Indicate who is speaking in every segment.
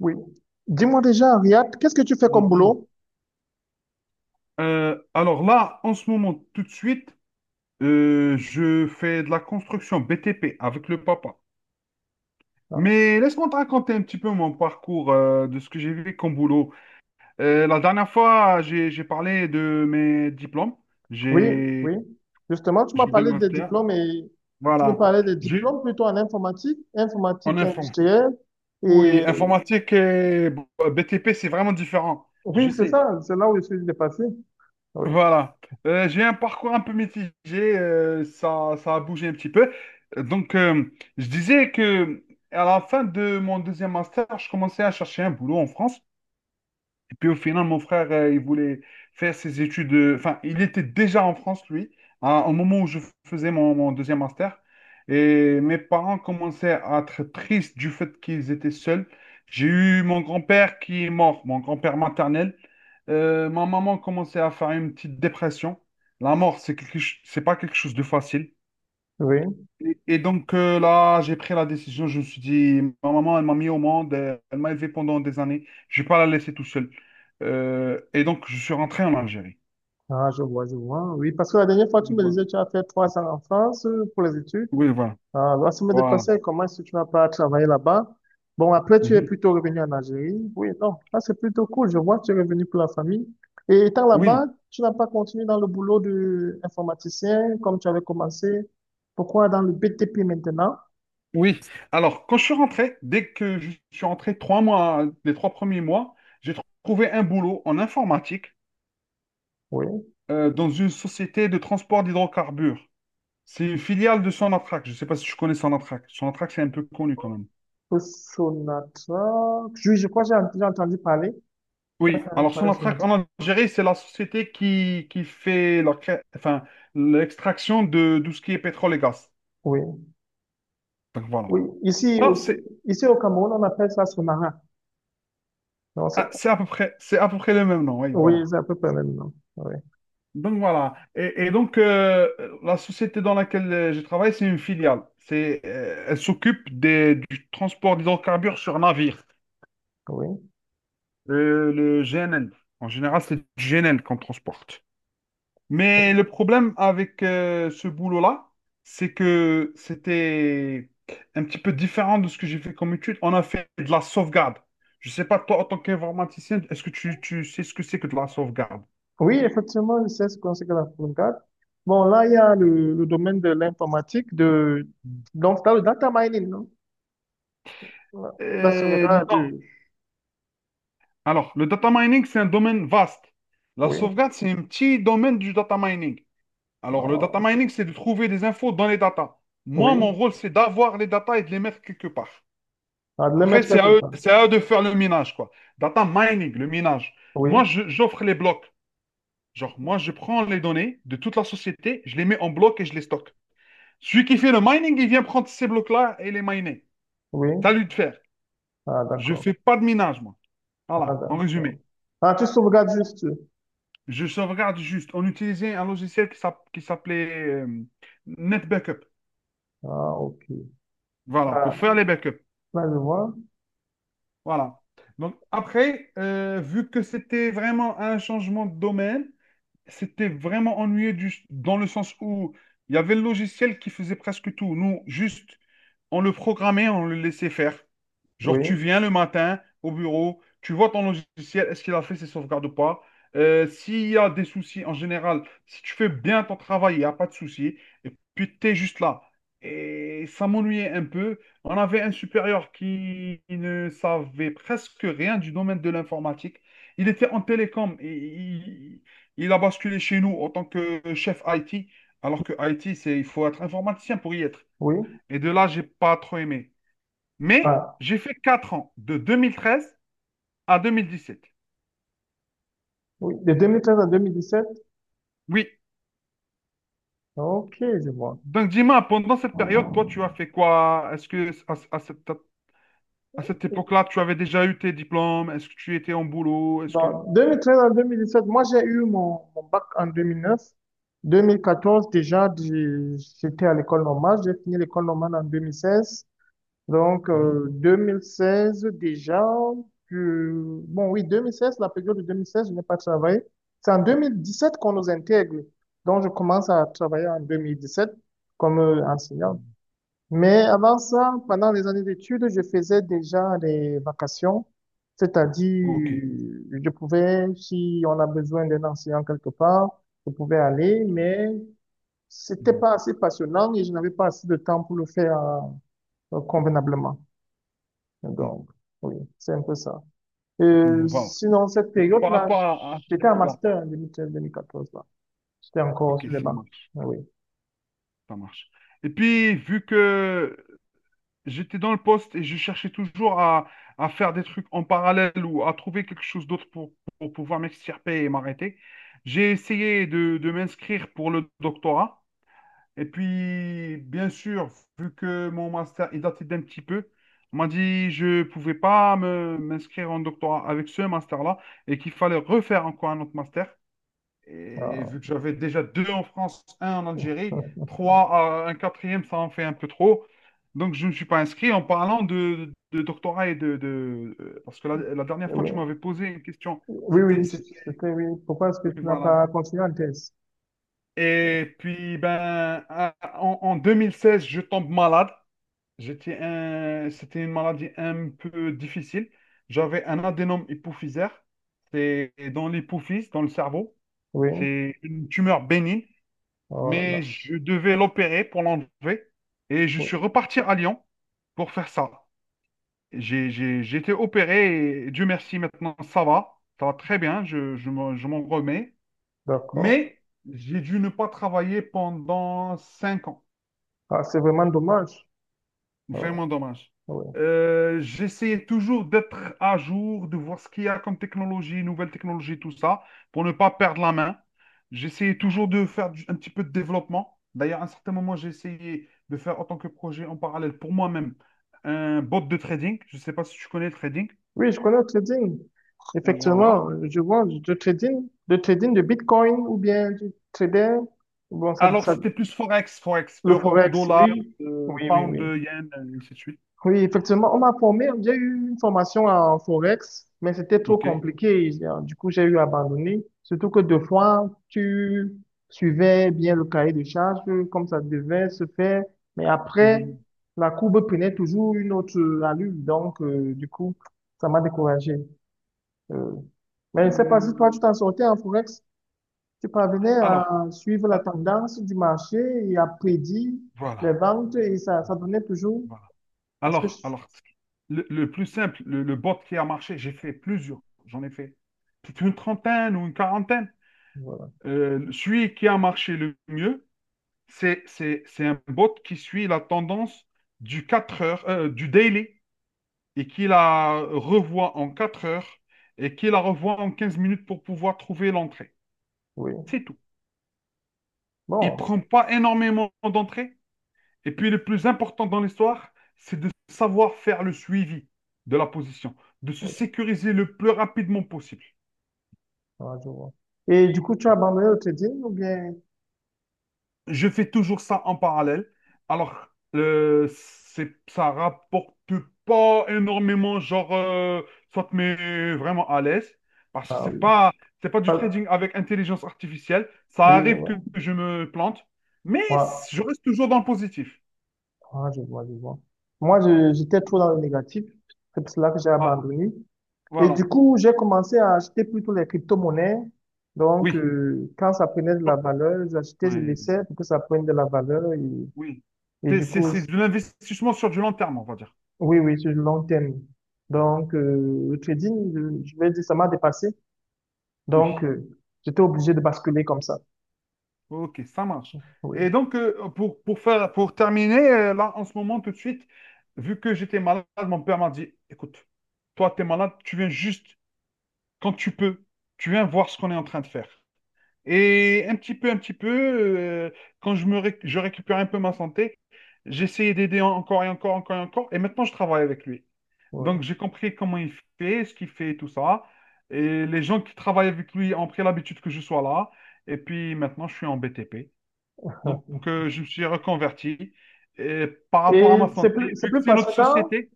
Speaker 1: Oui. Dis-moi déjà, Riyad, qu'est-ce que tu fais comme
Speaker 2: Mhm.
Speaker 1: boulot?
Speaker 2: Alors là, en ce moment, tout de suite, je fais de la construction BTP avec le papa.
Speaker 1: Ah,
Speaker 2: Mais laisse-moi te raconter un petit peu mon parcours de ce que j'ai vu comme boulot. La dernière fois, j'ai parlé de mes diplômes.
Speaker 1: oui, oui.
Speaker 2: J'ai,
Speaker 1: Justement, tu m'as
Speaker 2: j'ai deux
Speaker 1: parlé des
Speaker 2: masters.
Speaker 1: diplômes et tu me
Speaker 2: Voilà.
Speaker 1: parlais des
Speaker 2: J'ai
Speaker 1: diplômes plutôt en informatique,
Speaker 2: en
Speaker 1: informatique
Speaker 2: inform-
Speaker 1: industrielle.
Speaker 2: Oui,
Speaker 1: Et
Speaker 2: informatique et BTP, c'est vraiment différent.
Speaker 1: oui,
Speaker 2: Je
Speaker 1: c'est
Speaker 2: sais.
Speaker 1: ça, c'est là où je suis dépassé. Oui,
Speaker 2: Voilà. J'ai un parcours un peu mitigé, ça a bougé un petit peu. Donc, je disais que à la fin de mon deuxième master, je commençais à chercher un boulot en France et puis au final, mon frère, il voulait faire ses études. Enfin, il était déjà en France, lui, au moment où je faisais mon deuxième master. Et mes parents commençaient à être tristes du fait qu'ils étaient seuls. J'ai eu mon grand-père qui est mort, mon grand-père maternel. Ma maman commençait à faire une petite dépression. La mort, c'est c'est pas quelque chose de facile.
Speaker 1: oui.
Speaker 2: Et donc là, j'ai pris la décision. Je me suis dit, ma maman, elle m'a mis au monde, elle m'a élevé pendant des années. Je vais pas la laisser tout seule. Et donc, je suis rentré en Algérie.
Speaker 1: Ah, je vois, je vois. Oui, parce que la dernière fois, tu
Speaker 2: Donc,
Speaker 1: me
Speaker 2: voilà.
Speaker 1: disais que tu as fait 3 ans en France pour les études.
Speaker 2: Oui, voilà.
Speaker 1: Ah, la semaine de
Speaker 2: Voilà.
Speaker 1: passée, comment est-ce que tu n'as pas travaillé là-bas? Bon, après, tu es
Speaker 2: Mhm.
Speaker 1: plutôt revenu en Algérie. Oui, non, là, c'est plutôt cool. Je vois que tu es revenu pour la famille. Et étant là-bas,
Speaker 2: Oui,
Speaker 1: tu n'as pas continué dans le boulot d'informaticien comme tu avais commencé. Pourquoi dans le BTP maintenant?
Speaker 2: oui. Alors, quand je suis rentré, dès que je suis rentré, 3 mois, les 3 premiers mois, trouvé un boulot en informatique
Speaker 1: Oui.
Speaker 2: dans une société de transport d'hydrocarbures. C'est une filiale de Sonatrach. Je ne sais pas si tu connais Sonatrach. Sonatrach, c'est un peu connu quand même.
Speaker 1: Le Sonatra. Je crois que j'ai entendu parler.
Speaker 2: Oui, alors
Speaker 1: Parler
Speaker 2: Sonatrach
Speaker 1: Sonatra.
Speaker 2: en Algérie, c'est la société qui fait enfin, l'extraction de tout ce qui est pétrole et gaz.
Speaker 1: Oui.
Speaker 2: Donc voilà.
Speaker 1: Oui. Ici
Speaker 2: Ah,
Speaker 1: aussi,
Speaker 2: c'est
Speaker 1: ici au Cameroun, on appelle ça Sonara. Non,
Speaker 2: ah, c'est à peu près le même nom, oui,
Speaker 1: oui,
Speaker 2: voilà.
Speaker 1: c'est à peu près le même nom. Oui.
Speaker 2: Donc voilà. Et donc, la société dans laquelle je travaille, c'est une filiale. Elle s'occupe du transport d'hydrocarbures sur navire. Le GNL. En général, c'est du GNL qu'on transporte. Mais
Speaker 1: Oui.
Speaker 2: le problème avec ce boulot-là, c'est que c'était un petit peu différent de ce que j'ai fait comme étude. On a fait de la sauvegarde. Je ne sais pas, toi, en tant qu'informaticien, est-ce que tu sais ce que c'est que de la sauvegarde?
Speaker 1: Oui, effectivement, je sais ce qu'on sait que la front. Bon, là, il y a le domaine de l'informatique, de... Donc c'est le data mining, non? La, la
Speaker 2: Euh,
Speaker 1: sauvegarde
Speaker 2: non.
Speaker 1: du...
Speaker 2: Alors, le data mining, c'est un domaine vaste. La
Speaker 1: Oui,
Speaker 2: sauvegarde, c'est un petit domaine du data mining. Alors, le
Speaker 1: ah,
Speaker 2: data mining, c'est de trouver des infos dans les data.
Speaker 1: oui,
Speaker 2: Moi, mon rôle, c'est d'avoir les data et de les mettre quelque part.
Speaker 1: ah, de le
Speaker 2: Après,
Speaker 1: mettre quelque part.
Speaker 2: c'est à eux de faire le minage, quoi. Data mining, le minage.
Speaker 1: Oui,
Speaker 2: Moi, j'offre les blocs. Genre, moi, je prends les données de toute la société, je les mets en bloc et je les stocke. Celui qui fait le mining, il vient prendre ces blocs-là et les miner.
Speaker 1: oui,
Speaker 2: C'est à lui de faire.
Speaker 1: ah,
Speaker 2: Je
Speaker 1: d'accord,
Speaker 2: fais pas de minage, moi.
Speaker 1: ah,
Speaker 2: Voilà, en résumé.
Speaker 1: d'accord. Ah, tu sauvegardes juste.
Speaker 2: Je sauvegarde juste. On utilisait un logiciel qui s'appelait NetBackup.
Speaker 1: Ah, ok.
Speaker 2: Voilà, pour
Speaker 1: Ah,
Speaker 2: faire les backups.
Speaker 1: là, je vois.
Speaker 2: Voilà. Donc, après, vu que c'était vraiment un changement de domaine, c'était vraiment ennuyeux dans le sens où il y avait le logiciel qui faisait presque tout. Nous, juste, on le programmait, on le laissait faire. Genre,
Speaker 1: Oui,
Speaker 2: tu viens le matin au bureau, tu vois ton logiciel, est-ce qu'il a fait ses sauvegardes ou pas? S'il y a des soucis en général, si tu fais bien ton travail, il n'y a pas de soucis. Et puis, tu es juste là. Et ça m'ennuyait un peu. On avait un supérieur qui ne savait presque rien du domaine de l'informatique. Il était en télécom et il a basculé chez nous en tant que chef IT, alors que IT, c'est, il faut être informaticien pour y être.
Speaker 1: oui,
Speaker 2: Et de là, j'ai pas trop aimé. Mais
Speaker 1: ah,
Speaker 2: j'ai fait 4 ans, de 2013 à 2017.
Speaker 1: oui, de 2013 à 2017.
Speaker 2: Oui.
Speaker 1: Ok, je vois.
Speaker 2: Donc dis-moi, pendant cette période, toi, tu as fait quoi? Est-ce que à cette époque-là, tu avais déjà eu tes diplômes? Est-ce que tu étais en boulot? Est-ce que.
Speaker 1: Dans 2013 à 2017, moi j'ai eu mon bac en 2009. 2014 déjà, j'étais à l'école normale. J'ai fini l'école normale en 2016. Donc
Speaker 2: Mhm.
Speaker 1: euh, 2016 déjà, bon oui, 2016, la période de 2016, je n'ai pas travaillé. C'est en 2017 qu'on nous intègre. Donc je commence à travailler en 2017 comme enseignant. Mais avant ça, pendant les années d'études, je faisais déjà des vacations,
Speaker 2: Ok.
Speaker 1: c'est-à-dire je pouvais, si on a besoin d'un enseignant quelque part, je pouvais aller, mais c'était
Speaker 2: Mhm.
Speaker 1: pas assez passionnant et je n'avais pas assez de temps pour le faire convenablement. Donc, oui, c'est un peu ça. Euh,
Speaker 2: Mhm. Voilà.
Speaker 1: sinon, cette
Speaker 2: Donc par
Speaker 1: période-là,
Speaker 2: rapport à cette
Speaker 1: j'étais en
Speaker 2: époque-là.
Speaker 1: master en 2013-2014, là. J'étais encore
Speaker 2: Ok,
Speaker 1: sur les
Speaker 2: ça
Speaker 1: bancs.
Speaker 2: marche.
Speaker 1: Oui,
Speaker 2: Ça marche. Et puis, vu que j'étais dans le poste et je cherchais toujours à faire des trucs en parallèle ou à trouver quelque chose d'autre pour pouvoir m'extirper et m'arrêter. J'ai essayé de m'inscrire pour le doctorat. Et puis, bien sûr, vu que mon master il datait d'un petit peu, on m'a dit je ne pouvais pas m'inscrire en doctorat avec ce master-là et qu'il fallait refaire encore un autre master.
Speaker 1: euh,
Speaker 2: Et vu que j'avais déjà deux en France, un en Algérie, trois, un quatrième, ça en fait un peu trop. Donc, je ne me suis pas inscrit en parlant de doctorat et Parce que la dernière fois, tu
Speaker 1: oui.
Speaker 2: m'avais posé une question.
Speaker 1: Oui,
Speaker 2: C'était...
Speaker 1: oui,
Speaker 2: c'était-
Speaker 1: c'était oui. Pourquoi est-ce que
Speaker 2: Oui,
Speaker 1: tu n'as
Speaker 2: voilà.
Speaker 1: pas continué en thèse? Oui,
Speaker 2: Et puis, ben, en 2016, je tombe malade. C'était une maladie un peu difficile. J'avais un adénome hypophysaire. C'est dans l'hypophyse, dans le cerveau.
Speaker 1: oui,
Speaker 2: C'est une tumeur bénigne.
Speaker 1: voilà.
Speaker 2: Mais je devais l'opérer pour l'enlever et je
Speaker 1: Oui,
Speaker 2: suis reparti à Lyon pour faire ça. J'ai été opéré et Dieu merci, maintenant ça va très bien, je m'en remets.
Speaker 1: d'accord.
Speaker 2: Mais j'ai dû ne pas travailler pendant 5 ans.
Speaker 1: Ah, c'est vraiment dommage. Ah,
Speaker 2: Vraiment dommage.
Speaker 1: oui.
Speaker 2: J'essayais toujours d'être à jour, de voir ce qu'il y a comme technologie, nouvelles technologies, tout ça, pour ne pas perdre la main. J'essayais toujours de faire un petit peu de développement. D'ailleurs, à un certain moment, j'ai essayé de faire en tant que projet en parallèle pour moi-même un bot de trading. Je ne sais pas si tu connais le trading.
Speaker 1: Oui, je connais le trading.
Speaker 2: Donc voilà.
Speaker 1: Effectivement, je vois du trading de Bitcoin ou bien du trader. Bon,
Speaker 2: Alors, c'était plus Forex,
Speaker 1: le
Speaker 2: euro,
Speaker 1: Forex,
Speaker 2: dollar,
Speaker 1: oui. Oui, oui,
Speaker 2: pound,
Speaker 1: oui.
Speaker 2: yen, ainsi de suite.
Speaker 1: Oui, effectivement, on m'a formé. J'ai eu une formation en Forex, mais c'était trop
Speaker 2: OK.
Speaker 1: compliqué. Du coup, j'ai eu abandonné. Surtout que deux fois, tu suivais bien le cahier de charges comme ça devait se faire. Mais après,
Speaker 2: Mhm.
Speaker 1: la courbe prenait toujours une autre allure. Donc, du coup, ça m'a découragé. Euh, mais je ne sais pas si toi, tu
Speaker 2: Hmm.
Speaker 1: t'en sortais en Forex. Tu parvenais
Speaker 2: Alors,
Speaker 1: à suivre la
Speaker 2: ah,
Speaker 1: tendance du marché et à prédire les
Speaker 2: voilà.
Speaker 1: ventes et ça donnait toujours.
Speaker 2: Voilà.
Speaker 1: Parce que,
Speaker 2: Alors, le plus simple, le bot qui a marché, j'ai fait plusieurs, j'en ai fait peut-être une trentaine ou une quarantaine.
Speaker 1: voilà,
Speaker 2: Celui qui a marché le mieux, c'est un bot qui suit la tendance du 4 heures, du daily, et qui la revoit en 4 heures, et qui la revoit en 15 minutes pour pouvoir trouver l'entrée.
Speaker 1: oui.
Speaker 2: C'est tout. Il
Speaker 1: Bon,
Speaker 2: prend pas énormément d'entrées. Et puis le plus important dans l'histoire, c'est de savoir faire le suivi de la position, de se
Speaker 1: oui,
Speaker 2: sécuriser le plus rapidement possible.
Speaker 1: ah, je vois. Et du coup, tu as abandonné l'hôtellerie ou bien?
Speaker 2: Je fais toujours ça en parallèle. Alors, ça rapporte pas énormément, genre, ça te met vraiment à l'aise. Parce que
Speaker 1: Ah oui.
Speaker 2: c'est pas du
Speaker 1: Pas-
Speaker 2: trading avec intelligence artificielle. Ça
Speaker 1: Oui, je
Speaker 2: arrive que
Speaker 1: vois.
Speaker 2: je me plante, mais
Speaker 1: Ouais.
Speaker 2: je reste toujours dans le positif.
Speaker 1: Ah, je vois, je vois. Moi, j'étais trop dans le négatif. C'est pour cela que j'ai
Speaker 2: Ah,
Speaker 1: abandonné. Et du
Speaker 2: voilà.
Speaker 1: coup, j'ai commencé à acheter plutôt les crypto-monnaies. Donc,
Speaker 2: Oui.
Speaker 1: quand ça prenait de
Speaker 2: Bon,
Speaker 1: la valeur, j'achetais, je
Speaker 2: ouais.
Speaker 1: laissais pour que ça prenne de la valeur. Et,
Speaker 2: Oui.
Speaker 1: et du coup,
Speaker 2: C'est de l'investissement sur du long terme, on va dire.
Speaker 1: oui, oui, sur le long terme. Donc, le trading, je vais dire, ça m'a dépassé. Donc,
Speaker 2: Oui.
Speaker 1: j'étais obligé de basculer comme ça.
Speaker 2: Ok, ça marche.
Speaker 1: Oui,
Speaker 2: Et donc, pour faire, pour terminer, là, en ce moment, tout de suite, vu que j'étais malade, mon père m'a dit, écoute, toi, tu es malade, tu viens juste quand tu peux, tu viens voir ce qu'on est en train de faire. Et un petit peu, quand je je récupère un peu ma santé, j'essayais d'aider encore et encore, encore et encore. Et maintenant, je travaille avec lui. Donc,
Speaker 1: oui.
Speaker 2: j'ai compris comment il fait, ce qu'il fait, tout ça. Et les gens qui travaillent avec lui ont pris l'habitude que je sois là. Et puis maintenant, je suis en BTP. Donc, je me suis reconverti. Et par rapport à
Speaker 1: Et
Speaker 2: ma santé, vu que c'est notre société,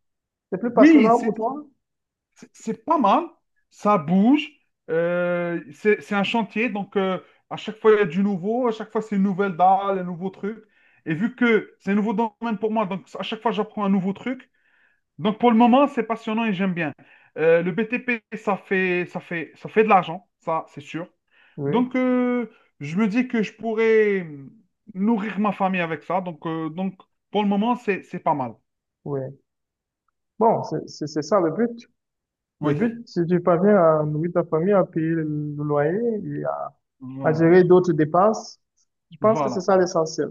Speaker 1: c'est plus
Speaker 2: oui,
Speaker 1: passionnant pour toi?
Speaker 2: c'est pas mal. Ça bouge. C'est un chantier. Donc, à chaque fois, il y a du nouveau. À chaque fois, c'est une nouvelle dalle, un nouveau truc. Et vu que c'est un nouveau domaine pour moi, donc à chaque fois, j'apprends un nouveau truc. Donc pour le moment, c'est passionnant et j'aime bien. Le BTP, ça fait de l'argent, ça, c'est sûr.
Speaker 1: Oui,
Speaker 2: Donc je me dis que je pourrais nourrir ma famille avec ça. Donc, pour le moment, c'est pas mal.
Speaker 1: oui. Bon, c'est ça le but. Le
Speaker 2: Oui.
Speaker 1: but, si tu parviens à nourrir ta famille, à payer le loyer et à
Speaker 2: Voilà.
Speaker 1: gérer d'autres dépenses, je pense que c'est
Speaker 2: Voilà.
Speaker 1: ça l'essentiel.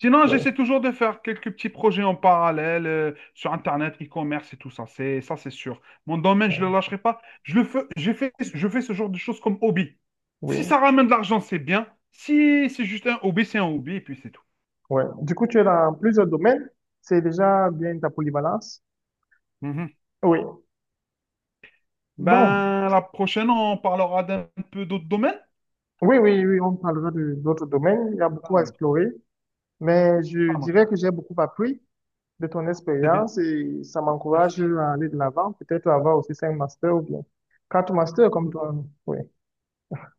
Speaker 2: Sinon,
Speaker 1: Oui,
Speaker 2: j'essaie toujours de faire quelques petits projets en parallèle sur Internet, e-commerce et tout ça. C'est ça, c'est sûr. Mon domaine, je ne le lâcherai pas. Je le fais, je fais ce genre de choses comme hobby. Si ça
Speaker 1: oui,
Speaker 2: ramène de l'argent, c'est bien. Si c'est juste un hobby, c'est un hobby et puis c'est tout.
Speaker 1: oui. Du coup, tu es dans plusieurs domaines. C'est déjà bien ta polyvalence.
Speaker 2: Mhm.
Speaker 1: Oui. Bon,
Speaker 2: Ben, la prochaine, on parlera d'un peu d'autres domaines.
Speaker 1: oui, oui, oui, on parlera de d'autres domaines. Il y a
Speaker 2: Ça
Speaker 1: beaucoup à
Speaker 2: marche,
Speaker 1: explorer, mais je
Speaker 2: ça marche.
Speaker 1: dirais que j'ai beaucoup appris de ton
Speaker 2: C'est bien.
Speaker 1: expérience et ça m'encourage
Speaker 2: Merci.
Speaker 1: à aller de l'avant, peut-être avoir aussi cinq masters ou bien quatre masters comme
Speaker 2: Ok.
Speaker 1: toi. Oui,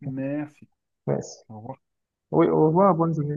Speaker 2: Merci.
Speaker 1: merci.
Speaker 2: Au revoir.
Speaker 1: Oui, au revoir, bonne journée.